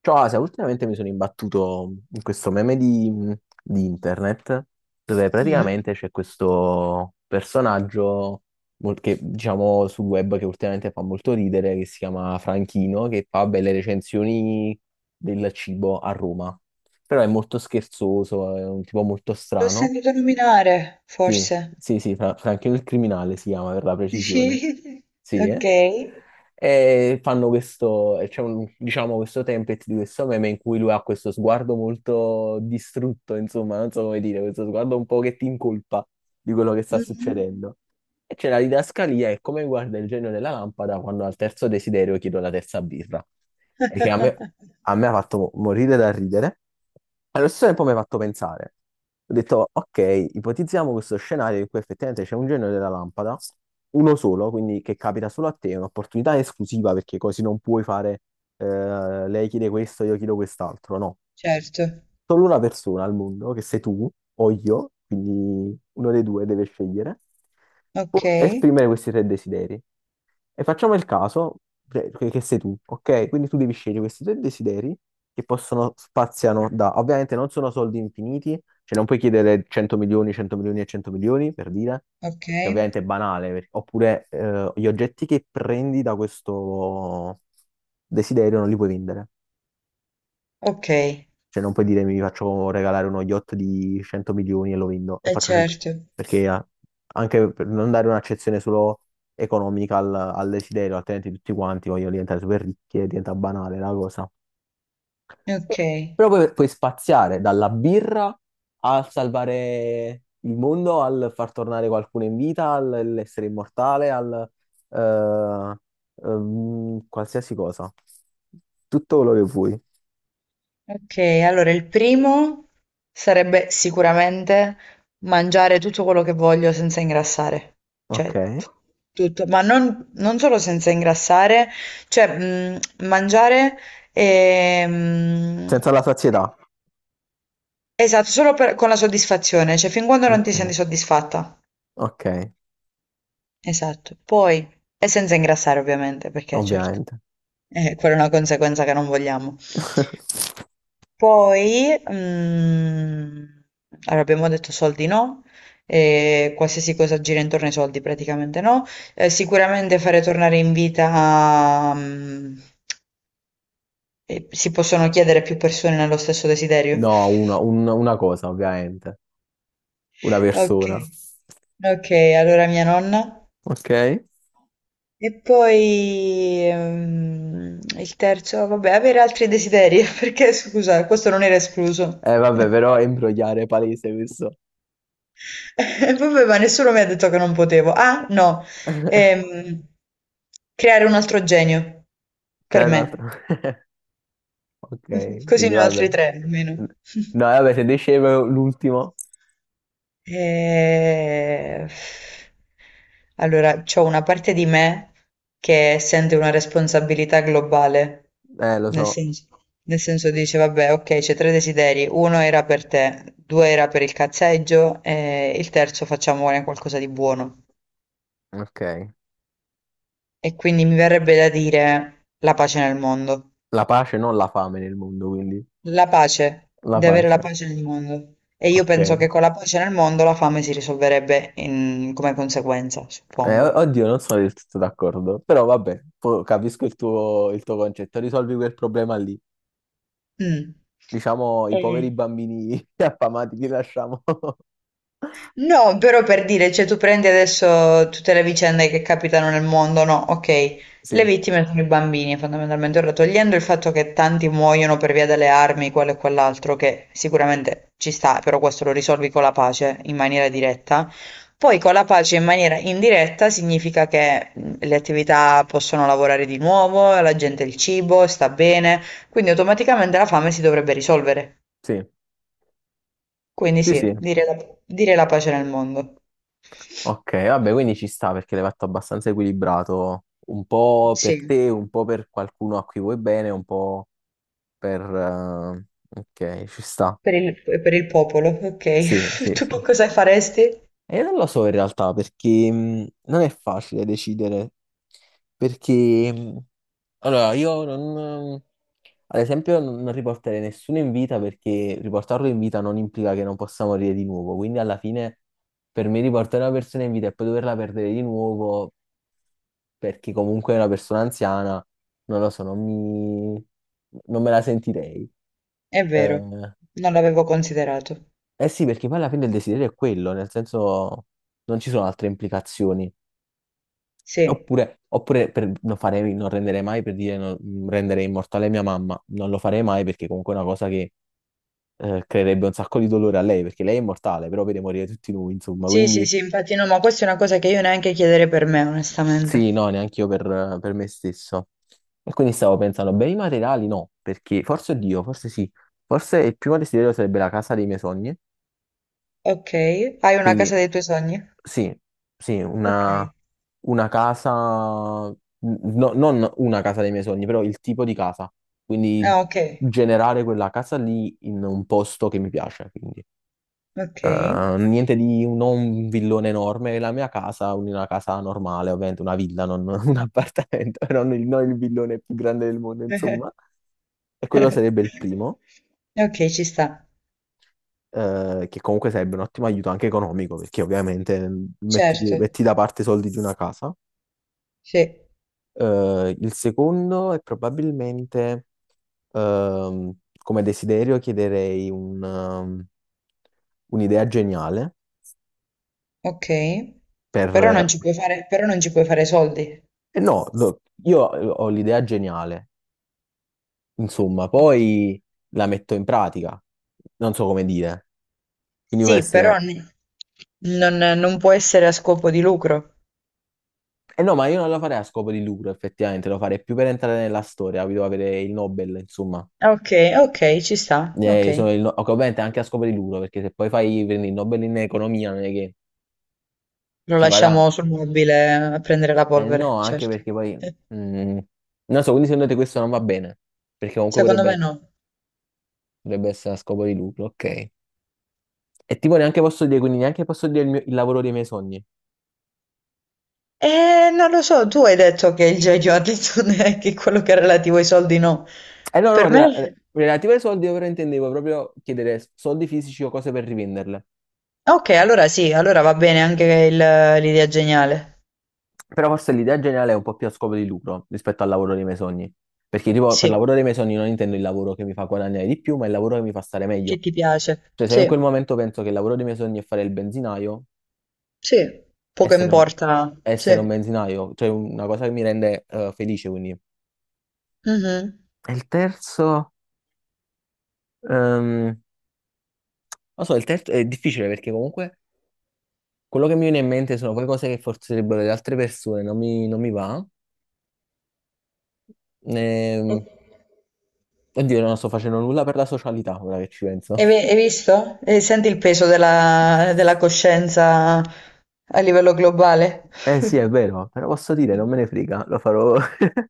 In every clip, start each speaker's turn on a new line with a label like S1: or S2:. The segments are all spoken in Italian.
S1: Ciao Asia, ultimamente mi sono imbattuto in questo meme di internet dove
S2: Mhm.
S1: praticamente c'è questo personaggio che diciamo sul web che ultimamente fa molto ridere, che si chiama Franchino, che fa belle recensioni del cibo a Roma. Però è molto scherzoso, è un tipo molto
S2: L'ho
S1: strano.
S2: sentito nominare,
S1: sì,
S2: forse.
S1: sì, sì, Fra- Franchino il criminale si chiama per la precisione.
S2: Sì.
S1: Sì,
S2: Ok.
S1: eh? E fanno questo, e c'è diciamo, questo template di questo meme in cui lui ha questo sguardo molto distrutto, insomma, non so come dire, questo sguardo un po' che ti incolpa di quello che sta
S2: Mhm.
S1: succedendo. E c'è la didascalia, è come guarda il genio della lampada quando al terzo desiderio chiedo la terza birra e a me ha fatto morire da ridere. Allo stesso tempo mi ha fatto pensare. Ho detto, ok, ipotizziamo questo scenario in cui effettivamente c'è un genio della lampada, uno solo, quindi che capita solo a te, è un'opportunità esclusiva perché così non puoi fare lei chiede questo, io chiedo quest'altro, no,
S2: Certo.
S1: solo una persona al mondo, che sei tu o io, quindi uno dei due deve scegliere,
S2: Ok.
S1: può esprimere questi tre desideri. E facciamo il caso, cioè, che sei tu, ok? Quindi tu devi scegliere questi tre desideri che possono spaziano da, ovviamente non sono soldi infiniti, cioè non puoi chiedere 100 milioni, 100 milioni e 100 milioni, per dire,
S2: Ok.
S1: perché ovviamente è banale, oppure gli oggetti che prendi da questo desiderio non li puoi vendere.
S2: Ok.
S1: Cioè, non puoi dire mi faccio regalare uno yacht di 100 milioni e lo vendo e
S2: Eh
S1: faccio 100.
S2: certo.
S1: Perché anche per non dare un'accezione solo economica al desiderio, altrimenti tutti quanti vogliono diventare super ricchi e diventa banale la cosa.
S2: Ok.
S1: Però poi puoi spaziare dalla birra al salvare il mondo, al far tornare qualcuno in vita, all'essere immortale, al eh, qualsiasi cosa. Tutto quello che vuoi,
S2: Ok. Allora il primo sarebbe sicuramente mangiare tutto quello che voglio senza ingrassare. Cioè,
S1: ok?
S2: tu- tutto. Ma non solo senza ingrassare, cioè, mangiare e,
S1: Senza la sazietà.
S2: Esatto, solo per- con la soddisfazione, cioè fin quando non ti senti
S1: Ok,
S2: soddisfatta.
S1: ok,
S2: Esatto. Poi, e senza ingrassare ovviamente, perché certo,
S1: ovviamente.
S2: quella è una conseguenza che non vogliamo. Poi, allora abbiamo detto soldi no, qualsiasi cosa gira intorno ai soldi praticamente no. Sicuramente fare tornare in vita, si possono chiedere più persone nello stesso desiderio.
S1: No, una cosa, ovviamente. Una
S2: Ok,
S1: persona.
S2: ok, allora mia nonna.
S1: Ok?
S2: E poi il terzo, vabbè, avere altri desideri, perché scusa, questo non era escluso.
S1: Vabbè, però è imbrogliare palese questo.
S2: E vabbè, ma nessuno mi ha detto che non potevo. Ah, no, Ehm, creare un altro genio per
S1: Creare un
S2: me,
S1: altro. Ok,
S2: così
S1: quindi
S2: ne ho altri
S1: vabbè.
S2: tre almeno.
S1: No, vabbè, se dicevo l'ultimo,
S2: Eh, allora, c'ho una parte di me che sente una responsabilità globale,
S1: lo
S2: nel
S1: so.
S2: senso, nel senso dice, vabbè, ok, c'è tre desideri, uno era per te, due era per il cazzeggio e il terzo facciamone qualcosa di buono.
S1: Ok.
S2: E quindi mi verrebbe da dire la pace nel mondo.
S1: La pace, non la fame nel mondo, quindi.
S2: La pace,
S1: La
S2: di avere la
S1: pace.
S2: pace nel mondo. E io penso
S1: Ok.
S2: che con la pace nel mondo la fame si risolverebbe in- come conseguenza, suppongo.
S1: Oddio, non sono del tutto d'accordo, però vabbè, capisco il tuo concetto, risolvi quel problema lì.
S2: Mm.
S1: Diciamo, i poveri
S2: E-
S1: bambini affamati li lasciamo.
S2: no, però per dire, cioè tu prendi adesso tutte le vicende che capitano nel mondo, no? Ok, le
S1: Sì,
S2: vittime sono i bambini, fondamentalmente, ora togliendo il fatto che tanti muoiono per via delle armi, quello e quell'altro, che sicuramente ci sta, però questo lo risolvi con la pace in maniera diretta. Poi con la pace in maniera indiretta significa che le attività possono lavorare di nuovo, la gente ha il cibo, sta bene, quindi automaticamente la fame si dovrebbe risolvere.
S1: sì,
S2: Quindi
S1: sì,
S2: sì,
S1: sì.
S2: dire la pace nel mondo.
S1: Ok, vabbè, quindi ci sta perché l'hai fatto abbastanza equilibrato, un po' per
S2: Sì,
S1: te, un po' per qualcuno a cui vuoi bene, un po' per... ok, ci sta.
S2: per il popolo,
S1: Sì,
S2: ok.
S1: sì,
S2: Tu che
S1: sì.
S2: cosa faresti?
S1: E non lo so in realtà perché non è facile decidere perché allora, io non... ad esempio non riporterei nessuno in vita perché riportarlo in vita non implica che non possa morire di nuovo, quindi alla fine per me riportare una persona in vita e poi doverla perdere di nuovo perché comunque è una persona anziana, non lo so, non me la sentirei.
S2: È vero,
S1: Eh,
S2: non l'avevo considerato.
S1: eh sì, perché poi alla fine il desiderio è quello, nel senso non ci sono altre implicazioni.
S2: Sì,
S1: Oppure non farei, non renderei mai per dire non, rendere immortale mia mamma, non lo farei mai perché comunque è una cosa che creerebbe un sacco di dolore a lei, perché lei è immortale, però vede morire tutti noi, insomma,
S2: sì, sì,
S1: quindi
S2: sì, infatti no, ma questa è una cosa che io neanche chiederei per me, onestamente.
S1: sì, no, neanche io per me stesso. E quindi stavo pensando, beni materiali no, perché forse Dio, forse sì, forse il primo desiderio sarebbe la casa dei miei sogni,
S2: Ok, hai una
S1: quindi
S2: casa dei tuoi sogni?
S1: sì, sì,
S2: Ok.
S1: una casa, non una casa dei miei sogni, però il tipo di casa, quindi
S2: Ah, ok,
S1: generare quella casa lì in un posto che mi piace, quindi.
S2: ok.
S1: Niente di non un villone enorme, la mia casa, una casa normale, ovviamente una villa, non un appartamento, non il villone più grande del mondo, insomma. E quello sarebbe il primo,
S2: Ok, ci sta.
S1: che comunque sarebbe un ottimo aiuto anche economico, perché ovviamente mm,
S2: Certo,
S1: metti da parte i soldi di una casa.
S2: sì,
S1: Il secondo è probabilmente, ehm, come desiderio, chiederei un'idea geniale
S2: ok.
S1: per,
S2: Però non ci puoi fare, però non ci puoi fare soldi.
S1: eh no, no, io ho l'idea geniale, insomma,
S2: Ok.
S1: poi la metto in pratica, non so come dire, quindi può
S2: Sì,
S1: essere...
S2: però n- non può essere a scopo di lucro.
S1: Eh no, ma io non la farei a scopo di lucro, effettivamente, lo farei più per entrare nella storia, capito? Avere il Nobel, insomma.
S2: Ok, ok, ci sta, ok.
S1: Sono il no- ok, ovviamente anche a scopo di lucro, perché se poi fai prendi il Nobel in economia non è che
S2: Lo
S1: ci guadagni.
S2: lasciamo sul mobile a prendere la
S1: Eh no,
S2: polvere,
S1: anche
S2: certo.
S1: perché poi... mm, non so, quindi secondo te questo non va bene, perché comunque
S2: Secondo me
S1: potrebbe,
S2: no.
S1: dovrebbe essere a scopo di lucro, ok. E tipo neanche posso dire, quindi neanche posso dire il lavoro dei miei sogni.
S2: Non lo so, tu hai detto che il genio ha detto che quello che è relativo ai soldi no.
S1: Eh no, no,
S2: Per me...
S1: relative ai soldi io però intendevo proprio chiedere soldi fisici o cose per rivenderle.
S2: Ok, allora sì, allora va bene anche il- l'idea geniale.
S1: Però forse l'idea generale è un po' più a scopo di lucro rispetto al lavoro dei miei sogni. Perché tipo per
S2: Sì,
S1: lavoro dei miei sogni non intendo il lavoro che mi fa guadagnare di più, ma il lavoro che mi fa stare
S2: che
S1: meglio.
S2: ti piace.
S1: Cioè se io
S2: Sì,
S1: in quel momento penso che il lavoro dei miei sogni è fare il benzinaio,
S2: sì, poco
S1: essere un,
S2: importa.
S1: essere un
S2: Sì.
S1: benzinaio, cioè una cosa che mi rende felice quindi. E
S2: Mhm.
S1: il terzo, ehm, non so, il terzo è difficile perché comunque quello che mi viene in mente sono poi cose che forse direbbero le altre persone, non mi va. Ehm, oddio, non sto facendo nulla per la socialità, ora che ci penso.
S2: Hai ve- hai visto? E senti il peso della coscienza a livello globale?
S1: Eh sì, è vero, però posso dire, non me ne frega, lo farò.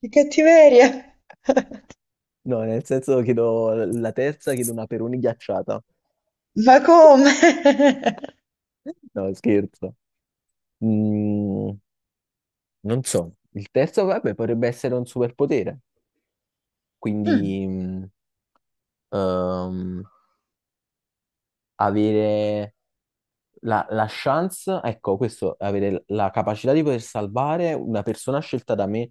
S2: Che cattiveria!
S1: No, nel senso chiedo la terza, chiedo una Peroni ghiacciata.
S2: Ma come?
S1: No, scherzo. Mm, non so. Il terzo, vabbè, potrebbe essere un superpotere.
S2: Mm,
S1: Quindi, mm, ehm, avere la chance, ecco, questo, avere la capacità di poter salvare una persona scelta da me,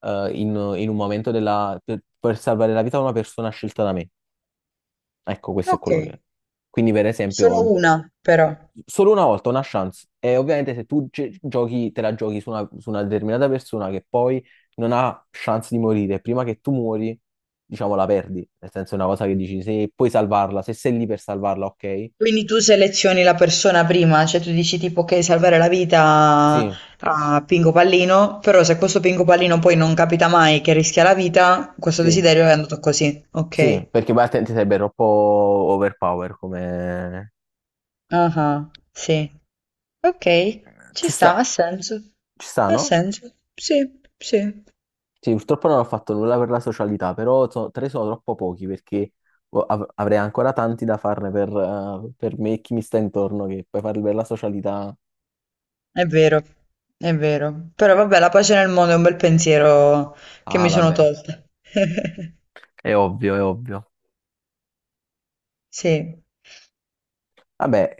S1: eh, in, in un momento della... per salvare la vita a una persona scelta da me. Ecco, questo è
S2: ok,
S1: quello che... Quindi, per
S2: sono
S1: esempio,
S2: una però.
S1: solo una volta una chance. E ovviamente se tu giochi, te la giochi su una determinata persona che poi non ha chance di morire, prima che tu muori, diciamo, la perdi. Nel senso, è una cosa che dici, se puoi salvarla, se sei lì per salvarla, ok?
S2: Quindi tu selezioni la persona prima, cioè tu dici tipo che salvare la vita
S1: Sì,
S2: a Pinco Pallino, però se questo Pinco Pallino poi non capita mai che rischia la vita, questo
S1: sì.
S2: desiderio è andato così.
S1: Sì,
S2: Ok.
S1: perché Bartent sarebbe troppo overpower come...
S2: Ah, ah, sì. Okay, ci
S1: ci
S2: sta,
S1: sta,
S2: ha senso.
S1: ci sta,
S2: Ha
S1: no?
S2: senso. Sì, sì,
S1: Sì, purtroppo non ho fatto nulla per la socialità, però tre sono troppo pochi perché avrei ancora tanti da farne per me e chi mi sta intorno, che poi farli per la socialità...
S2: è vero, è vero. Però vabbè, la pace nel mondo è un bel pensiero che mi
S1: Ah,
S2: sono
S1: vabbè,
S2: tolta.
S1: è ovvio, è ovvio.
S2: Sì,
S1: Vabbè,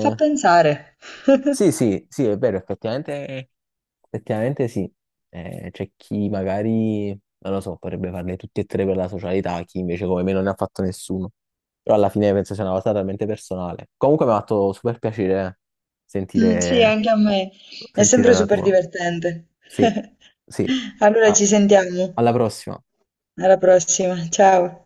S2: fa pensare.
S1: sì, sì, sì, è vero, effettivamente effettivamente sì, eh, c'è chi magari, non lo so, potrebbe farle tutti e tre per la socialità, chi invece come me non ne ha fatto nessuno. Però alla fine penso sia una cosa talmente personale. Comunque mi ha fatto super piacere
S2: Mm, sì,
S1: sentire,
S2: anche a me. È
S1: sentire
S2: sempre
S1: la
S2: super
S1: tua.
S2: divertente.
S1: Sì, sì.
S2: Allora ci
S1: A-
S2: sentiamo.
S1: alla prossima.
S2: Alla prossima. Ciao.